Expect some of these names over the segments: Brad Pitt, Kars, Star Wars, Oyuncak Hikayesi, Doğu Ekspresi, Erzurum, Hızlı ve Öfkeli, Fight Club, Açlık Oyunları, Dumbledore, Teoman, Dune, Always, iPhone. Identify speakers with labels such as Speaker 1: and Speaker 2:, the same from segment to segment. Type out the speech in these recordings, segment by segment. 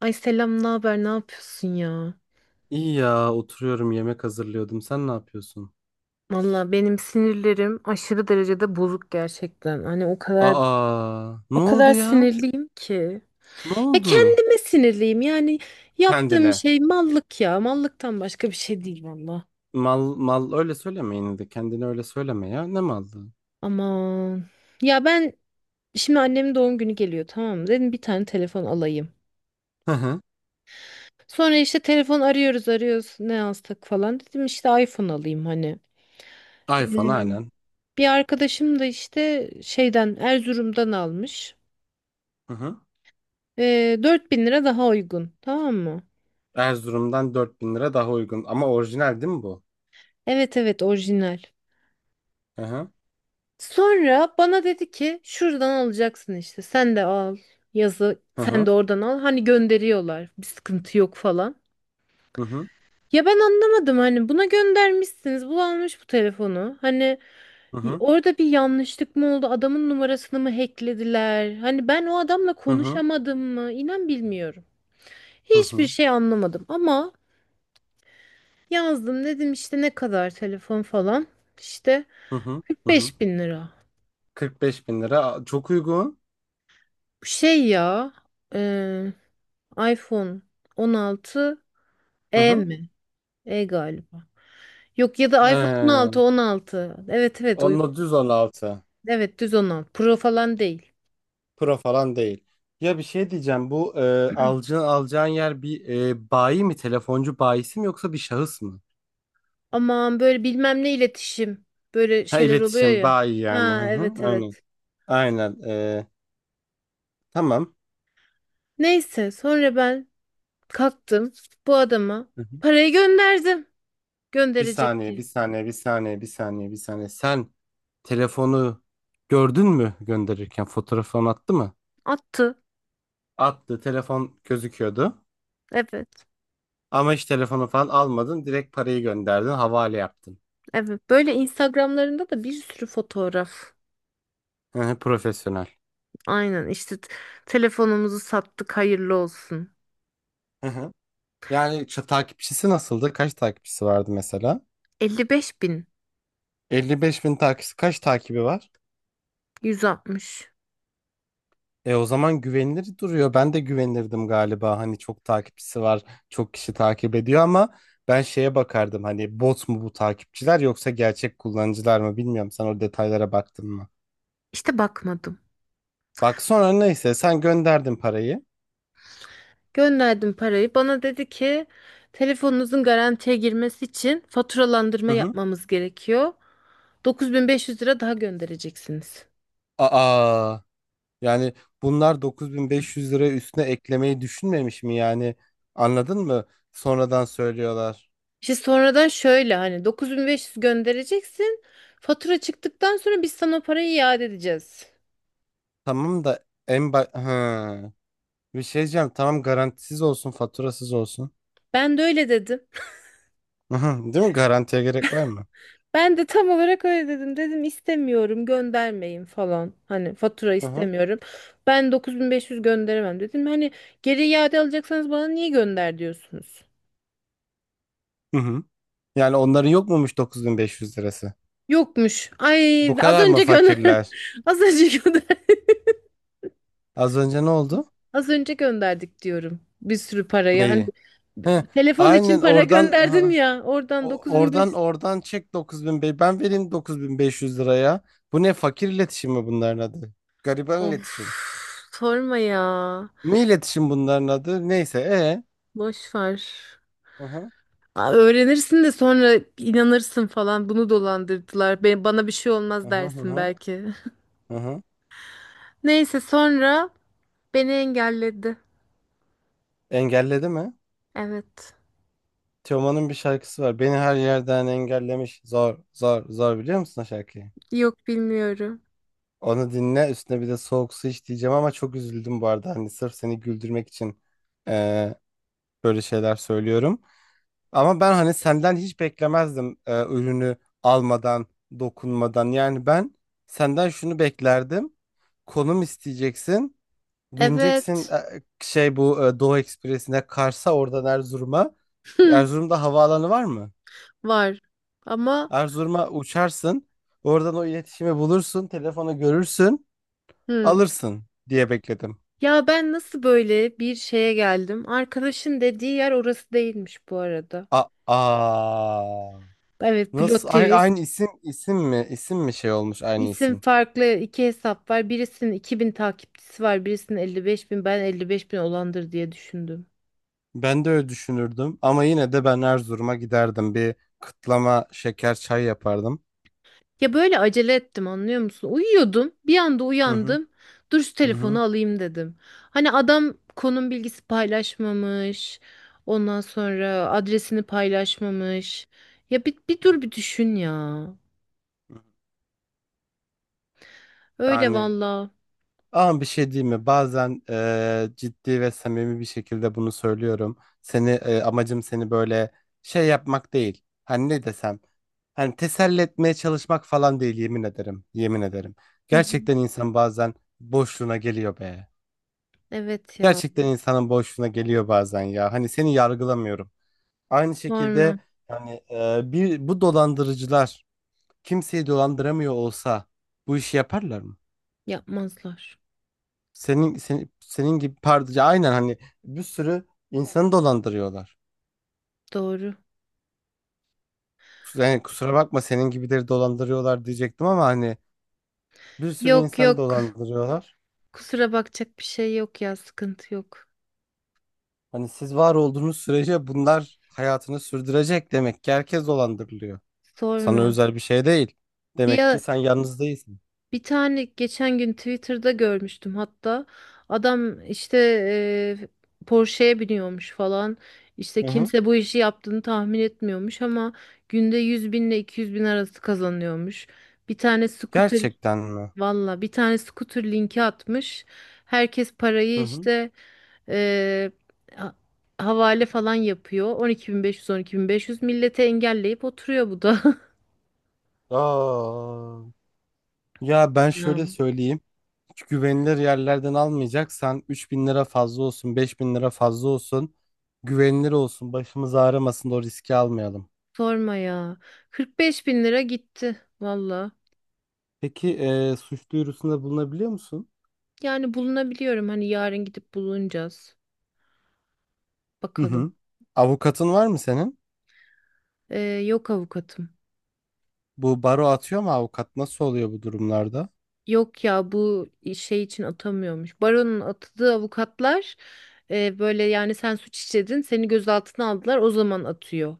Speaker 1: Ay selam, ne haber? Ne yapıyorsun ya?
Speaker 2: İyi ya oturuyorum yemek hazırlıyordum. Sen ne yapıyorsun?
Speaker 1: Valla benim sinirlerim aşırı derecede bozuk gerçekten. Hani o kadar
Speaker 2: Aa,
Speaker 1: o
Speaker 2: ne oldu
Speaker 1: kadar
Speaker 2: ya?
Speaker 1: sinirliyim ki.
Speaker 2: Ne
Speaker 1: Ya
Speaker 2: oldu?
Speaker 1: kendime sinirliyim. Yani yaptığım
Speaker 2: Kendine.
Speaker 1: şey mallık ya. Mallıktan başka bir şey değil valla.
Speaker 2: Mal mal öyle söyleme yine de kendine öyle söyleme ya. Ne malı?
Speaker 1: Aman. Ya ben şimdi annemin doğum günü geliyor tamam mı? Dedim bir tane telefon alayım.
Speaker 2: Hı hı.
Speaker 1: Sonra işte telefon arıyoruz arıyoruz ne alsak falan. Dedim işte iPhone alayım hani.
Speaker 2: iPhone
Speaker 1: Ee,
Speaker 2: aynen.
Speaker 1: Bir arkadaşım da işte şeyden Erzurum'dan almış.
Speaker 2: Hı hı.
Speaker 1: 4.000 lira daha uygun. Tamam mı?
Speaker 2: Erzurum'dan 4.000 lira daha uygun ama orijinal değil mi bu?
Speaker 1: Evet evet orijinal.
Speaker 2: Hı hı.
Speaker 1: Sonra bana dedi ki şuradan alacaksın işte. Sen de al yazı.
Speaker 2: Hı
Speaker 1: Sen de
Speaker 2: hı.
Speaker 1: oradan al. Hani gönderiyorlar. Bir sıkıntı yok falan.
Speaker 2: Hı hı.
Speaker 1: Ya ben anlamadım hani buna göndermişsiniz. Bu almış bu telefonu. Hani
Speaker 2: Hı hı.
Speaker 1: orada bir yanlışlık mı oldu? Adamın numarasını mı hacklediler? Hani ben o adamla
Speaker 2: Hı hı.
Speaker 1: konuşamadım mı? İnan bilmiyorum.
Speaker 2: Hı
Speaker 1: Hiçbir
Speaker 2: hı.
Speaker 1: şey anlamadım ama yazdım dedim işte ne kadar telefon falan. İşte
Speaker 2: Hı hı. Hı hı.
Speaker 1: 45 bin lira.
Speaker 2: 45 bin lira. Aa, çok uygun.
Speaker 1: Şey ya e, iPhone 16.
Speaker 2: Hı
Speaker 1: E
Speaker 2: hı.
Speaker 1: mi? E galiba. Yok ya da iPhone
Speaker 2: Ee,
Speaker 1: 16. Evet evet uygun.
Speaker 2: Onunla düz 16.
Speaker 1: Evet düz 16. Pro falan değil.
Speaker 2: Pro falan değil. Ya bir şey diyeceğim. Bu alacağın yer bir bayi mi? Telefoncu bayisi mi yoksa bir şahıs mı?
Speaker 1: Aman böyle bilmem ne iletişim. Böyle
Speaker 2: Ha
Speaker 1: şeyler oluyor
Speaker 2: iletişim
Speaker 1: ya.
Speaker 2: bayi yani.
Speaker 1: Ha
Speaker 2: Hı hı,
Speaker 1: evet
Speaker 2: aynen.
Speaker 1: evet.
Speaker 2: Aynen. Tamam.
Speaker 1: Neyse sonra ben kalktım bu adama
Speaker 2: Hı hı.
Speaker 1: parayı gönderdim.
Speaker 2: Bir
Speaker 1: Gönderecek
Speaker 2: saniye,
Speaker 1: diye.
Speaker 2: bir saniye, bir saniye, bir saniye, bir saniye. Sen telefonu gördün mü gönderirken? Fotoğrafını attı mı?
Speaker 1: Attı.
Speaker 2: Attı. Telefon gözüküyordu.
Speaker 1: Evet
Speaker 2: Ama hiç telefonu falan almadın. Direkt parayı gönderdin. Havale yaptın.
Speaker 1: evet. Böyle Instagramlarında da bir sürü fotoğraf.
Speaker 2: Hı hı, profesyonel.
Speaker 1: Aynen işte telefonumuzu sattık hayırlı olsun.
Speaker 2: Yani takipçisi nasıldı? Kaç takipçisi vardı mesela?
Speaker 1: 55 bin
Speaker 2: 55 bin takipçisi kaç takibi var?
Speaker 1: 160.
Speaker 2: E o zaman güvenilir duruyor. Ben de güvenirdim galiba. Hani çok takipçisi var, çok kişi takip ediyor ama ben şeye bakardım. Hani bot mu bu takipçiler yoksa gerçek kullanıcılar mı bilmiyorum. Sen o detaylara baktın mı?
Speaker 1: İşte bakmadım.
Speaker 2: Bak sonra neyse sen gönderdin parayı.
Speaker 1: Gönderdim parayı. Bana dedi ki telefonunuzun garantiye girmesi için faturalandırma
Speaker 2: Hı hı.
Speaker 1: yapmamız gerekiyor. 9.500 lira daha göndereceksiniz.
Speaker 2: Aa, yani bunlar 9.500 lira üstüne eklemeyi düşünmemiş mi yani? Anladın mı? Sonradan söylüyorlar.
Speaker 1: İşte sonradan şöyle hani 9.500 göndereceksin. Fatura çıktıktan sonra biz sana o parayı iade edeceğiz.
Speaker 2: Tamam da en ba ha. Bir şey diyeceğim. Tamam garantisiz olsun, faturasız olsun.
Speaker 1: Ben de öyle dedim.
Speaker 2: Hı hı, değil mi? Garantiye gerek var mı?
Speaker 1: Ben de tam olarak öyle dedim. Dedim istemiyorum göndermeyin falan. Hani fatura
Speaker 2: Hı hı.
Speaker 1: istemiyorum. Ben 9.500 gönderemem dedim. Hani geri iade alacaksanız bana niye gönder diyorsunuz?
Speaker 2: Hı hı. Yani onların yok muymuş 9.500 lirası?
Speaker 1: Yokmuş. Ay
Speaker 2: Bu
Speaker 1: az
Speaker 2: kadar mı
Speaker 1: önce gönder.
Speaker 2: fakirler?
Speaker 1: Az önce gönder.
Speaker 2: Az önce ne oldu?
Speaker 1: Az önce gönderdik diyorum. Bir sürü parayı. Hani
Speaker 2: Neyi? Hı.
Speaker 1: telefon için
Speaker 2: Aynen
Speaker 1: para
Speaker 2: oradan
Speaker 1: gönderdim
Speaker 2: hı.
Speaker 1: ya. Oradan
Speaker 2: Oradan
Speaker 1: 9.500.
Speaker 2: oradan çek 9.000 ben vereyim 9.500 liraya. Bu ne fakir iletişim mi bunların adı? Gariban
Speaker 1: Of
Speaker 2: iletişim.
Speaker 1: sorma ya.
Speaker 2: Ne iletişim bunların adı? Neyse.
Speaker 1: Boş ver.
Speaker 2: Hı hı.
Speaker 1: Aa, öğrenirsin de sonra inanırsın falan bunu dolandırdılar. Bana bir şey
Speaker 2: Hı
Speaker 1: olmaz
Speaker 2: hı hı
Speaker 1: dersin
Speaker 2: hı.
Speaker 1: belki.
Speaker 2: Hı hı.
Speaker 1: Neyse sonra beni engelledi.
Speaker 2: Engelledi mi?
Speaker 1: Evet.
Speaker 2: Teoman'ın bir şarkısı var. Beni her yerden engellemiş. Zor, zor, zor biliyor musun o şarkıyı?
Speaker 1: Yok bilmiyorum.
Speaker 2: Onu dinle üstüne bir de soğuk su iç diyeceğim ama çok üzüldüm bu arada. Hani sırf seni güldürmek için eee, böyle şeyler söylüyorum. Ama ben hani senden hiç beklemezdim ürünü almadan, dokunmadan. Yani ben senden şunu beklerdim. Konum isteyeceksin. Bineceksin
Speaker 1: Evet.
Speaker 2: şey bu Doğu Ekspresi'ne Kars'a oradan Erzurum'a. Erzurum'da havaalanı var mı?
Speaker 1: Var. Ama
Speaker 2: Erzurum'a uçarsın. Oradan o iletişimi bulursun. Telefonu görürsün.
Speaker 1: hı.
Speaker 2: Alırsın diye bekledim.
Speaker 1: Ya ben nasıl böyle bir şeye geldim? Arkadaşın dediği yer orası değilmiş bu arada.
Speaker 2: A Aa,
Speaker 1: Evet plot
Speaker 2: nasıl aynı,
Speaker 1: twist.
Speaker 2: aynı isim isim mi isim mi şey olmuş aynı
Speaker 1: İsim
Speaker 2: isim.
Speaker 1: farklı iki hesap var. Birisinin 2.000 takipçisi var. Birisinin 55 bin. Ben 55 bin olandır diye düşündüm.
Speaker 2: Ben de öyle düşünürdüm ama yine de ben Erzurum'a giderdim. Bir kıtlama şeker çay yapardım.
Speaker 1: Ya böyle acele ettim anlıyor musun? Uyuyordum. Bir anda
Speaker 2: Hı hı.
Speaker 1: uyandım. Dur şu
Speaker 2: Hı hı.
Speaker 1: telefonu alayım dedim. Hani adam konum bilgisi paylaşmamış. Ondan sonra adresini paylaşmamış. Ya bir dur bir düşün ya. Öyle
Speaker 2: Yani
Speaker 1: valla.
Speaker 2: ama bir şey diyeyim mi? Bazen ciddi ve samimi bir şekilde bunu söylüyorum. Seni amacım seni böyle şey yapmak değil. Hani ne desem. Hani teselli etmeye çalışmak falan değil yemin ederim. Yemin ederim.
Speaker 1: Hı hı.
Speaker 2: Gerçekten insan bazen boşluğuna geliyor be.
Speaker 1: Evet ya.
Speaker 2: Gerçekten insanın boşluğuna geliyor bazen ya. Hani seni yargılamıyorum. Aynı şekilde
Speaker 1: Sorma.
Speaker 2: hani bu dolandırıcılar kimseyi dolandıramıyor olsa bu işi yaparlar mı?
Speaker 1: Yapmazlar.
Speaker 2: Senin gibi pardon aynen hani bir sürü insanı dolandırıyorlar.
Speaker 1: Doğru.
Speaker 2: Yani kusura bakma senin gibileri dolandırıyorlar diyecektim ama hani bir sürü
Speaker 1: Yok
Speaker 2: insanı
Speaker 1: yok.
Speaker 2: dolandırıyorlar.
Speaker 1: Kusura bakacak bir şey yok ya. Sıkıntı yok.
Speaker 2: Hani siz var olduğunuz sürece bunlar hayatını sürdürecek demek ki herkes dolandırılıyor. Sana
Speaker 1: Sorma.
Speaker 2: özel bir şey değil. Demek ki
Speaker 1: Bir,
Speaker 2: sen yalnız değilsin.
Speaker 1: Bir tane geçen gün Twitter'da görmüştüm hatta. Adam işte Porsche'ye biniyormuş falan. İşte
Speaker 2: Hı hı.
Speaker 1: kimse bu işi yaptığını tahmin etmiyormuş ama günde 100 bin ile 200 bin arası kazanıyormuş. Bir tane scooter
Speaker 2: Gerçekten mi?
Speaker 1: Valla bir tane scooter linki atmış. Herkes
Speaker 2: Hı
Speaker 1: parayı
Speaker 2: hı.
Speaker 1: işte e, ha- havale falan yapıyor. 12.500 millete engelleyip oturuyor bu da.
Speaker 2: Aa. Ya ben
Speaker 1: Ya.
Speaker 2: şöyle söyleyeyim. Hiç güvenilir yerlerden almayacaksan 3.000 lira fazla olsun, 5.000 lira fazla olsun. Güvenilir olsun, başımız ağrımasın da o riski almayalım.
Speaker 1: Sorma ya. 45 bin lira gitti valla.
Speaker 2: Peki suç duyurusunda bulunabiliyor musun?
Speaker 1: Yani bulunabiliyorum hani yarın gidip bulunacağız.
Speaker 2: Hı
Speaker 1: Bakalım.
Speaker 2: hı. Avukatın var mı senin?
Speaker 1: Yok avukatım.
Speaker 2: Bu baro atıyor mu avukat? Nasıl oluyor bu durumlarda?
Speaker 1: Yok ya bu şey için atamıyormuş. Baron'un atadığı avukatlar böyle yani sen suç işledin seni gözaltına aldılar o zaman atıyor.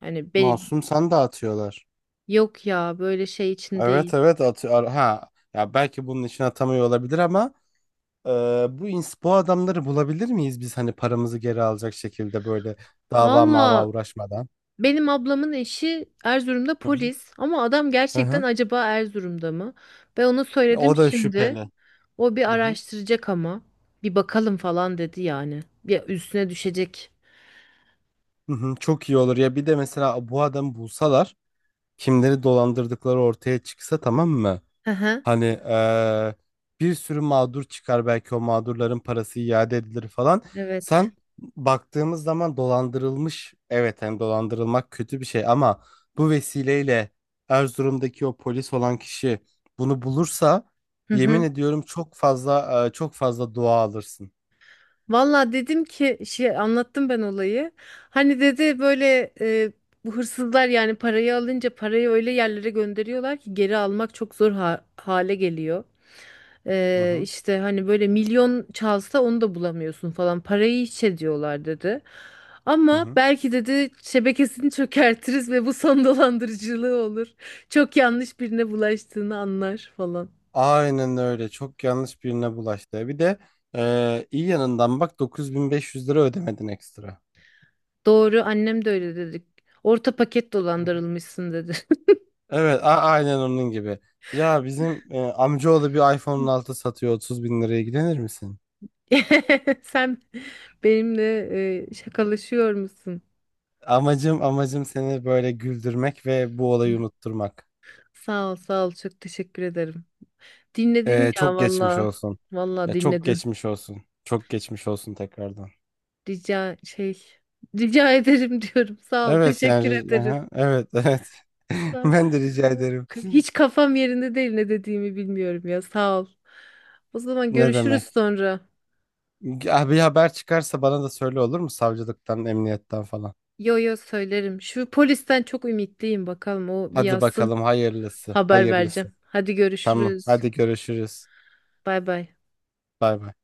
Speaker 1: Hani be-
Speaker 2: Masum sen de atıyorlar.
Speaker 1: Yok ya böyle şey için değil.
Speaker 2: Evet evet atıyor. Ha ya belki bunun için atamıyor olabilir ama e, bu adamları bulabilir miyiz biz hani paramızı geri alacak şekilde böyle dava mava
Speaker 1: Valla
Speaker 2: uğraşmadan?
Speaker 1: benim ablamın eşi Erzurum'da
Speaker 2: Hı hı.
Speaker 1: polis ama adam
Speaker 2: Hı
Speaker 1: gerçekten
Speaker 2: hı.
Speaker 1: acaba Erzurum'da mı? Ben ona
Speaker 2: Ya
Speaker 1: söyledim
Speaker 2: o da
Speaker 1: şimdi.
Speaker 2: şüpheli.
Speaker 1: O bir
Speaker 2: Hı hı.
Speaker 1: araştıracak ama. Bir bakalım falan dedi yani. Bir üstüne düşecek.
Speaker 2: Hı hı. Çok iyi olur ya bir de mesela bu adamı bulsalar kimleri dolandırdıkları ortaya çıksa tamam mı?
Speaker 1: Hı hı.
Speaker 2: Hani bir sürü mağdur çıkar belki o mağdurların parası iade edilir falan.
Speaker 1: Evet.
Speaker 2: Sen baktığımız zaman dolandırılmış evet hem dolandırılmak kötü bir şey ama bu vesileyle Erzurum'daki o polis olan kişi bunu bulursa
Speaker 1: Hı
Speaker 2: yemin
Speaker 1: hı.
Speaker 2: ediyorum çok fazla çok fazla dua alırsın.
Speaker 1: Valla dedim ki şey anlattım ben olayı. Hani dedi böyle bu hırsızlar yani parayı alınca parayı öyle yerlere gönderiyorlar ki geri almak çok zor hale geliyor.
Speaker 2: Hı hı,
Speaker 1: İşte hani böyle milyon çalsa onu da bulamıyorsun falan. Parayı hiç ediyorlar dedi.
Speaker 2: hı
Speaker 1: Ama
Speaker 2: hı.
Speaker 1: belki dedi şebekesini çökertiriz ve bu son dolandırıcılığı olur. Çok yanlış birine bulaştığını anlar falan.
Speaker 2: Aynen öyle çok yanlış birine bulaştı. Bir de iyi yanından bak 9.500 lira ödemedin ekstra.
Speaker 1: Doğru annem de öyle dedi. Orta paket
Speaker 2: Hı hı.
Speaker 1: dolandırılmışsın dedi.
Speaker 2: Evet, aynen onun gibi. Ya bizim amcaoğlu bir iPhone'un 6 satıyor 30 bin liraya ilgilenir misin?
Speaker 1: Sen benimle şakalaşıyor musun?
Speaker 2: Amacım seni böyle güldürmek ve bu olayı unutturmak.
Speaker 1: Sağ ol, sağ ol. Çok teşekkür ederim. Dinledin
Speaker 2: E,
Speaker 1: ya
Speaker 2: çok geçmiş
Speaker 1: valla.
Speaker 2: olsun.
Speaker 1: Valla
Speaker 2: Ya çok
Speaker 1: dinledin.
Speaker 2: geçmiş olsun. Çok geçmiş olsun tekrardan.
Speaker 1: Rica şey Rica ederim diyorum. Sağ ol.
Speaker 2: Evet
Speaker 1: Teşekkür
Speaker 2: yani
Speaker 1: ederim.
Speaker 2: aha, evet evet.
Speaker 1: Sağ ol.
Speaker 2: Ben de rica ederim.
Speaker 1: Hiç kafam yerinde değil ne dediğimi bilmiyorum ya. Sağ ol. O zaman
Speaker 2: Ne
Speaker 1: görüşürüz
Speaker 2: demek?
Speaker 1: sonra.
Speaker 2: Ya bir haber çıkarsa bana da söyle olur mu? Savcılıktan, emniyetten falan.
Speaker 1: Yo yo söylerim. Şu polisten çok ümitliyim bakalım o bir
Speaker 2: Hadi
Speaker 1: yazsın.
Speaker 2: bakalım hayırlısı,
Speaker 1: Haber
Speaker 2: hayırlısı.
Speaker 1: vereceğim. Hadi
Speaker 2: Tamam.
Speaker 1: görüşürüz.
Speaker 2: Hadi görüşürüz.
Speaker 1: Bay bay.
Speaker 2: Bay bay.